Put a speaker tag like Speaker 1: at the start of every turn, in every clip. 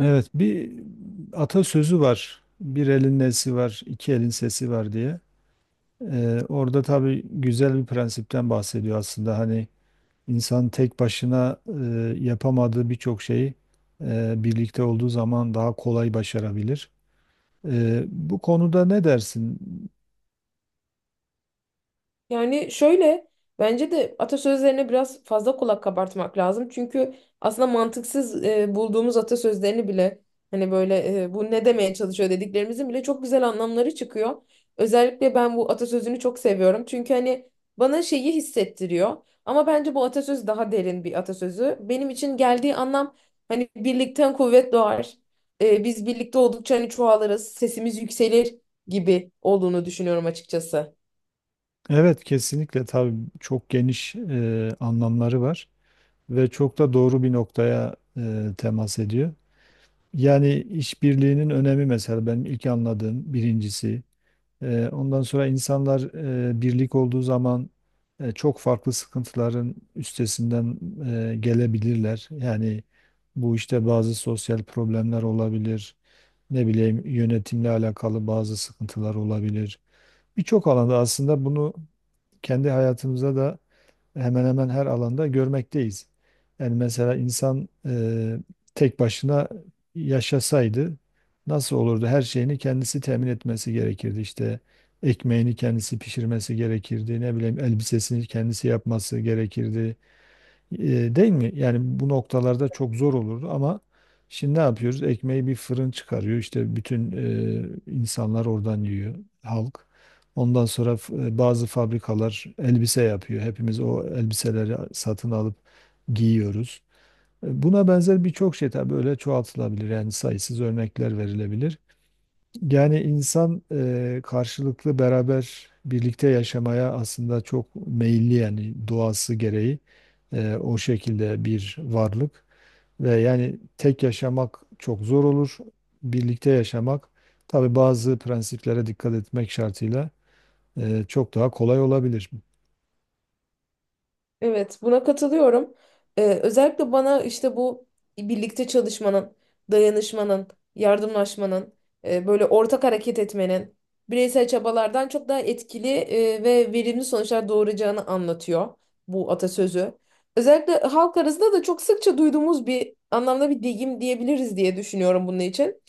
Speaker 1: Evet, bir atasözü var. Bir elin nesi var, iki elin sesi var diye. Orada tabii güzel bir prensipten bahsediyor aslında. Hani insan tek başına yapamadığı birçok şeyi birlikte olduğu zaman daha kolay başarabilir. Bu konuda ne dersin?
Speaker 2: Yani şöyle bence de atasözlerine biraz fazla kulak kabartmak lazım. Çünkü aslında mantıksız bulduğumuz atasözlerini bile hani böyle bu ne demeye çalışıyor dediklerimizin bile çok güzel anlamları çıkıyor. Özellikle ben bu atasözünü çok seviyorum. Çünkü hani bana şeyi hissettiriyor. Ama bence bu atasöz daha derin bir atasözü. Benim için geldiği anlam hani birlikten kuvvet doğar. Biz birlikte oldukça hani çoğalırız, sesimiz yükselir gibi olduğunu düşünüyorum açıkçası.
Speaker 1: Evet, kesinlikle tabii çok geniş anlamları var ve çok da doğru bir noktaya temas ediyor. Yani işbirliğinin önemi mesela benim ilk anladığım birincisi. Ondan sonra insanlar birlik olduğu zaman çok farklı sıkıntıların üstesinden gelebilirler. Yani bu işte bazı sosyal problemler olabilir, ne bileyim yönetimle alakalı bazı sıkıntılar olabilir. Birçok alanda aslında bunu kendi hayatımıza da hemen hemen her alanda görmekteyiz. Yani mesela insan tek başına yaşasaydı nasıl olurdu? Her şeyini kendisi temin etmesi gerekirdi. İşte ekmeğini kendisi pişirmesi gerekirdi. Ne bileyim elbisesini kendisi yapması gerekirdi. E, değil mi? Yani bu noktalarda çok zor olurdu ama şimdi ne yapıyoruz? Ekmeği bir fırın çıkarıyor. İşte bütün insanlar oradan yiyor, halk. Ondan sonra bazı fabrikalar elbise yapıyor. Hepimiz o elbiseleri satın alıp giyiyoruz. Buna benzer birçok şey tabii böyle çoğaltılabilir. Yani sayısız örnekler verilebilir. Yani insan karşılıklı beraber birlikte yaşamaya aslında çok meyilli yani doğası gereği o şekilde bir varlık ve yani tek yaşamak çok zor olur. Birlikte yaşamak tabii bazı prensiplere dikkat etmek şartıyla çok daha kolay olabilir.
Speaker 2: Evet, buna katılıyorum. Özellikle bana işte bu birlikte çalışmanın, dayanışmanın, yardımlaşmanın, böyle ortak hareket etmenin bireysel çabalardan çok daha etkili ve verimli sonuçlar doğuracağını anlatıyor bu atasözü. Özellikle halk arasında da çok sıkça duyduğumuz bir anlamda bir deyim diyebiliriz diye düşünüyorum bunun için.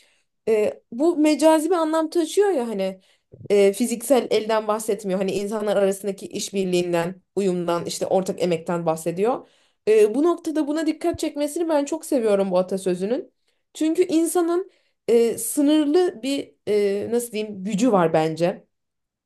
Speaker 2: Bu mecazi bir anlam taşıyor ya hani fiziksel elden bahsetmiyor. Hani insanlar arasındaki işbirliğinden, uyumdan, işte ortak emekten bahsediyor. Bu noktada buna dikkat çekmesini ben çok seviyorum bu atasözünün. Çünkü insanın sınırlı bir nasıl diyeyim gücü var bence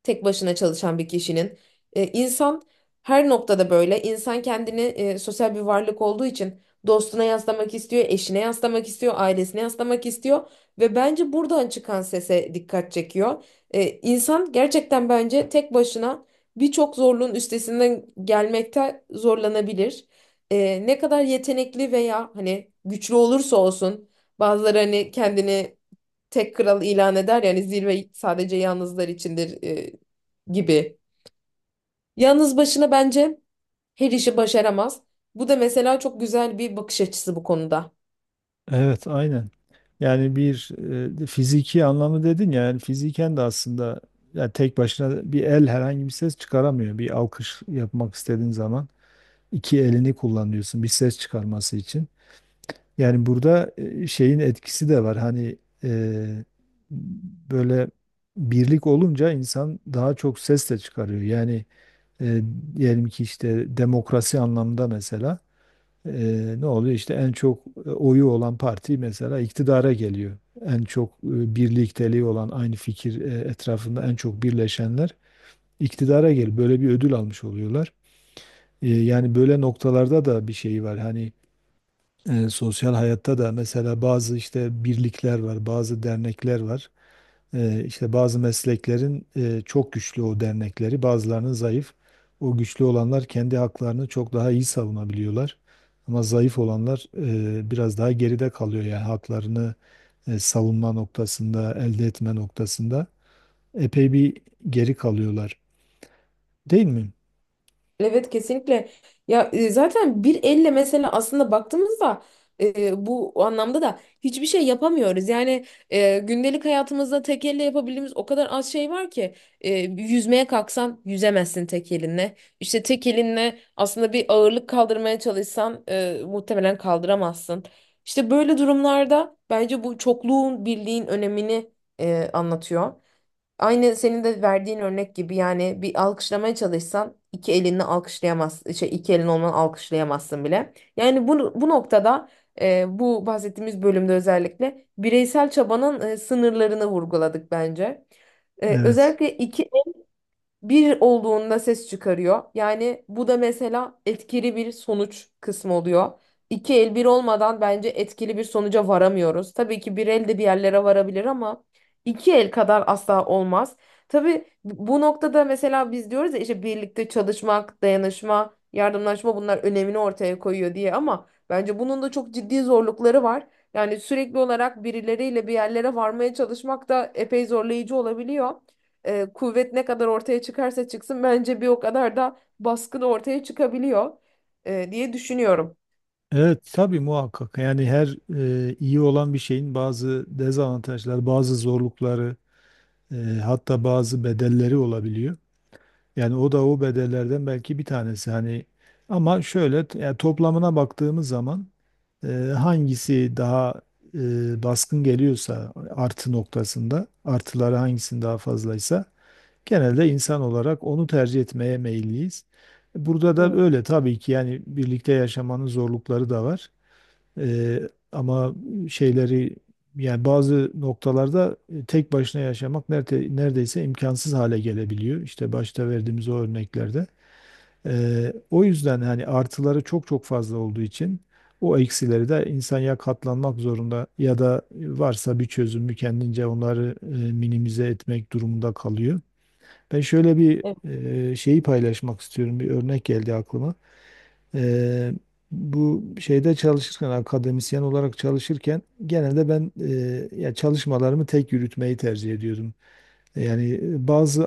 Speaker 2: tek başına çalışan bir kişinin. İnsan her noktada böyle. İnsan kendini sosyal bir varlık olduğu için dostuna yaslamak istiyor, eşine yaslamak istiyor, ailesine yaslamak istiyor ve bence buradan çıkan sese dikkat çekiyor. İnsan gerçekten bence tek başına birçok zorluğun üstesinden gelmekte zorlanabilir. Ne kadar yetenekli veya hani güçlü olursa olsun bazıları hani kendini tek kral ilan eder yani zirve sadece yalnızlar içindir gibi. Yalnız başına bence her işi başaramaz. Bu da mesela çok güzel bir bakış açısı bu konuda.
Speaker 1: Evet, aynen. Yani bir fiziki anlamı dedin ya, yani fiziken de aslında yani tek başına bir el herhangi bir ses çıkaramıyor. Bir alkış yapmak istediğin zaman, iki elini kullanıyorsun bir ses çıkarması için. Yani burada şeyin etkisi de var. Hani e, böyle birlik olunca insan daha çok ses de çıkarıyor. Yani e, diyelim ki işte demokrasi anlamında mesela e, ne oluyor? İşte en çok oyu olan parti mesela iktidara geliyor. En çok birlikteliği olan aynı fikir etrafında en çok birleşenler iktidara geliyor. Böyle bir ödül almış oluyorlar. Yani böyle noktalarda da bir şey var. Hani sosyal hayatta da mesela bazı işte birlikler var, bazı dernekler var. E, işte bazı mesleklerin çok güçlü o dernekleri, bazılarının zayıf. O güçlü olanlar kendi haklarını çok daha iyi savunabiliyorlar. Ama zayıf olanlar biraz daha geride kalıyor yani haklarını savunma noktasında, elde etme noktasında epey bir geri kalıyorlar. Değil mi?
Speaker 2: Evet, kesinlikle. Ya zaten bir elle mesela aslında baktığımızda bu anlamda da hiçbir şey yapamıyoruz. Yani gündelik hayatımızda tek elle yapabildiğimiz o kadar az şey var ki yüzmeye kalksan yüzemezsin tek elinle. İşte tek elinle aslında bir ağırlık kaldırmaya çalışsan muhtemelen kaldıramazsın. İşte böyle durumlarda bence bu çokluğun birliğin önemini anlatıyor. Aynı senin de verdiğin örnek gibi yani bir alkışlamaya çalışsan iki elinle alkışlayamaz, şey iki elin olmadan alkışlayamazsın bile. Yani bu noktada bu bahsettiğimiz bölümde özellikle bireysel çabanın sınırlarını vurguladık bence.
Speaker 1: Evet.
Speaker 2: Özellikle iki bir olduğunda ses çıkarıyor. Yani bu da mesela etkili bir sonuç kısmı oluyor. İki el bir olmadan bence etkili bir sonuca varamıyoruz. Tabii ki bir el de bir yerlere varabilir ama iki el kadar asla olmaz. Tabii bu noktada mesela biz diyoruz ya işte birlikte çalışmak, dayanışma, yardımlaşma bunlar önemini ortaya koyuyor diye ama bence bunun da çok ciddi zorlukları var. Yani sürekli olarak birileriyle bir yerlere varmaya çalışmak da epey zorlayıcı olabiliyor kuvvet ne kadar ortaya çıkarsa çıksın bence bir o kadar da baskın ortaya çıkabiliyor diye düşünüyorum.
Speaker 1: Evet, tabii muhakkak yani her iyi olan bir şeyin bazı dezavantajları, bazı zorlukları e, hatta bazı bedelleri olabiliyor. Yani o da o bedellerden belki bir tanesi hani, ama şöyle yani toplamına baktığımız zaman e, hangisi daha baskın geliyorsa artı noktasında artıları hangisinin daha fazlaysa genelde insan olarak onu tercih etmeye meyilliyiz. Burada da öyle tabii ki, yani birlikte yaşamanın zorlukları da var. Ee, ama şeyleri yani bazı noktalarda tek başına yaşamak nerede, neredeyse imkansız hale gelebiliyor. İşte başta verdiğimiz o örneklerde. O yüzden hani artıları çok çok fazla olduğu için o eksileri de insan ya katlanmak zorunda ya da varsa bir çözümü kendince onları minimize etmek durumunda kalıyor. Ben şöyle bir
Speaker 2: Evet.
Speaker 1: şeyi paylaşmak istiyorum. Bir örnek geldi aklıma. Eee, bu şeyde çalışırken, akademisyen olarak çalışırken genelde ben ya çalışmalarımı tek yürütmeyi tercih ediyordum. Yani bazı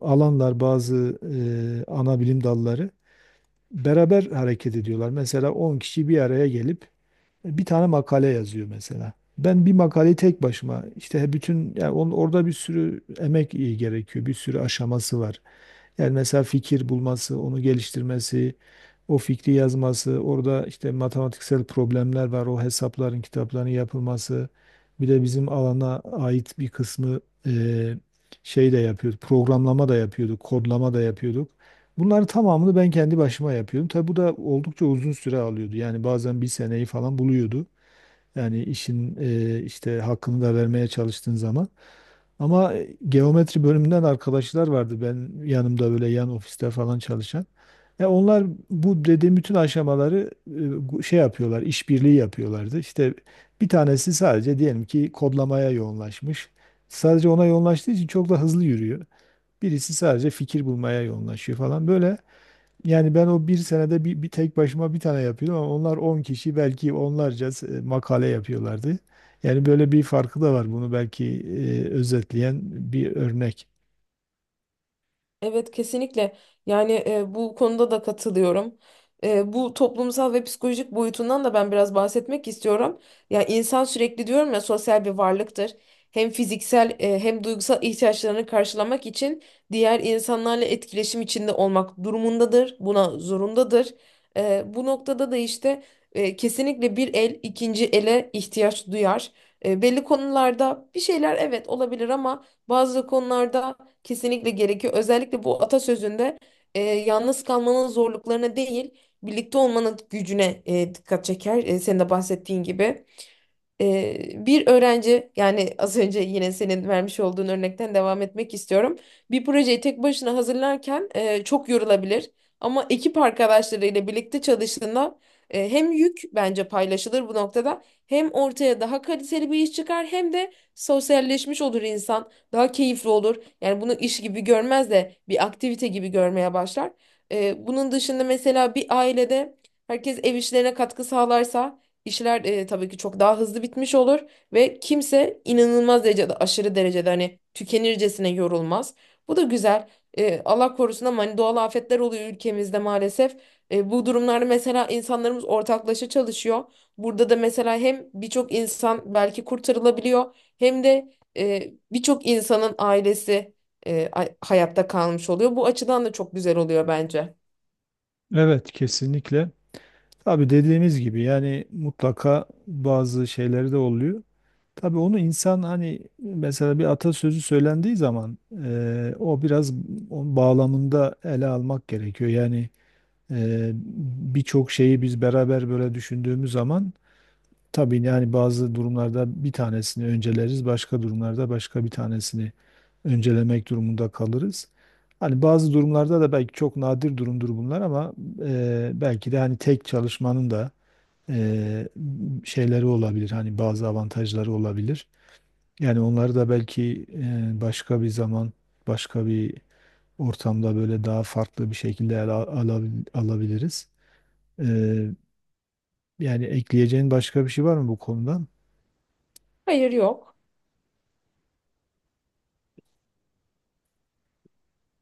Speaker 1: alanlar, bazı ana bilim dalları beraber hareket ediyorlar. Mesela 10 kişi bir araya gelip bir tane makale yazıyor mesela. Ben bir makaleyi tek başıma işte bütün, yani onun, orada bir sürü emek iyi gerekiyor. Bir sürü aşaması var. Yani mesela fikir bulması, onu geliştirmesi, o fikri yazması, orada işte matematiksel problemler var, o hesapların, kitapların yapılması. Bir de bizim alana ait bir kısmı eee, şey de yapıyorduk, programlama da yapıyorduk, kodlama da yapıyorduk. Bunların tamamını ben kendi başıma yapıyordum. Tabi bu da oldukça uzun süre alıyordu. Yani bazen bir seneyi falan buluyordu. Yani işin işte hakkını da vermeye çalıştığın zaman. Ama geometri bölümünden arkadaşlar vardı ben yanımda böyle yan ofiste falan çalışan. Onlar bu dediğim bütün aşamaları şey yapıyorlar, işbirliği yapıyorlardı. İşte bir tanesi sadece diyelim ki kodlamaya yoğunlaşmış. Sadece ona yoğunlaştığı için çok da hızlı yürüyor. Birisi sadece fikir bulmaya yoğunlaşıyor falan böyle. Yani ben o bir senede bir tek başıma bir tane yapıyordum ama onlar 10 kişi belki onlarca makale yapıyorlardı. Yani böyle bir farkı da var, bunu belki özetleyen bir örnek.
Speaker 2: Evet, kesinlikle yani bu konuda da katılıyorum. Bu toplumsal ve psikolojik boyutundan da ben biraz bahsetmek istiyorum. Ya insan sürekli diyorum ya sosyal bir varlıktır. Hem fiziksel hem duygusal ihtiyaçlarını karşılamak için diğer insanlarla etkileşim içinde olmak durumundadır. Buna zorundadır. Bu noktada da işte kesinlikle bir el ikinci ele ihtiyaç duyar. Belli konularda bir şeyler evet olabilir ama bazı konularda kesinlikle gerekiyor. Özellikle bu atasözünde yalnız kalmanın zorluklarına değil, birlikte olmanın gücüne dikkat çeker. Senin de bahsettiğin gibi. Bir öğrenci yani az önce yine senin vermiş olduğun örnekten devam etmek istiyorum. Bir projeyi tek başına hazırlarken çok yorulabilir ama ekip arkadaşlarıyla birlikte çalıştığında hem yük bence paylaşılır bu noktada hem ortaya daha kaliteli bir iş çıkar hem de sosyalleşmiş olur insan daha keyifli olur. Yani bunu iş gibi görmez de bir aktivite gibi görmeye başlar. Bunun dışında mesela bir ailede herkes ev işlerine katkı sağlarsa İşler tabii ki çok daha hızlı bitmiş olur ve kimse inanılmaz derecede aşırı derecede hani tükenircesine yorulmaz. Bu da güzel. Allah korusun ama hani doğal afetler oluyor ülkemizde maalesef. Bu durumlarda mesela insanlarımız ortaklaşa çalışıyor. Burada da mesela hem birçok insan belki kurtarılabiliyor hem de birçok insanın ailesi hayatta kalmış oluyor. Bu açıdan da çok güzel oluyor bence.
Speaker 1: Evet, kesinlikle. Tabii dediğimiz gibi yani mutlaka bazı şeyleri de oluyor. Tabii onu insan hani mesela bir atasözü söylendiği zaman o biraz onun bağlamında ele almak gerekiyor. Yani eee, birçok şeyi biz beraber böyle düşündüğümüz zaman. Tabii yani bazı durumlarda bir tanesini önceleriz, başka durumlarda başka bir tanesini öncelemek durumunda kalırız. Hani bazı durumlarda da, belki çok nadir durumdur bunlar ama belki de hani tek çalışmanın da e, şeyleri olabilir. Hani bazı avantajları olabilir. Yani onları da belki başka bir zaman, başka bir ortamda böyle daha farklı bir şekilde ele alabiliriz. E, yani ekleyeceğin başka bir şey var mı bu konudan?
Speaker 2: Hayır, yok.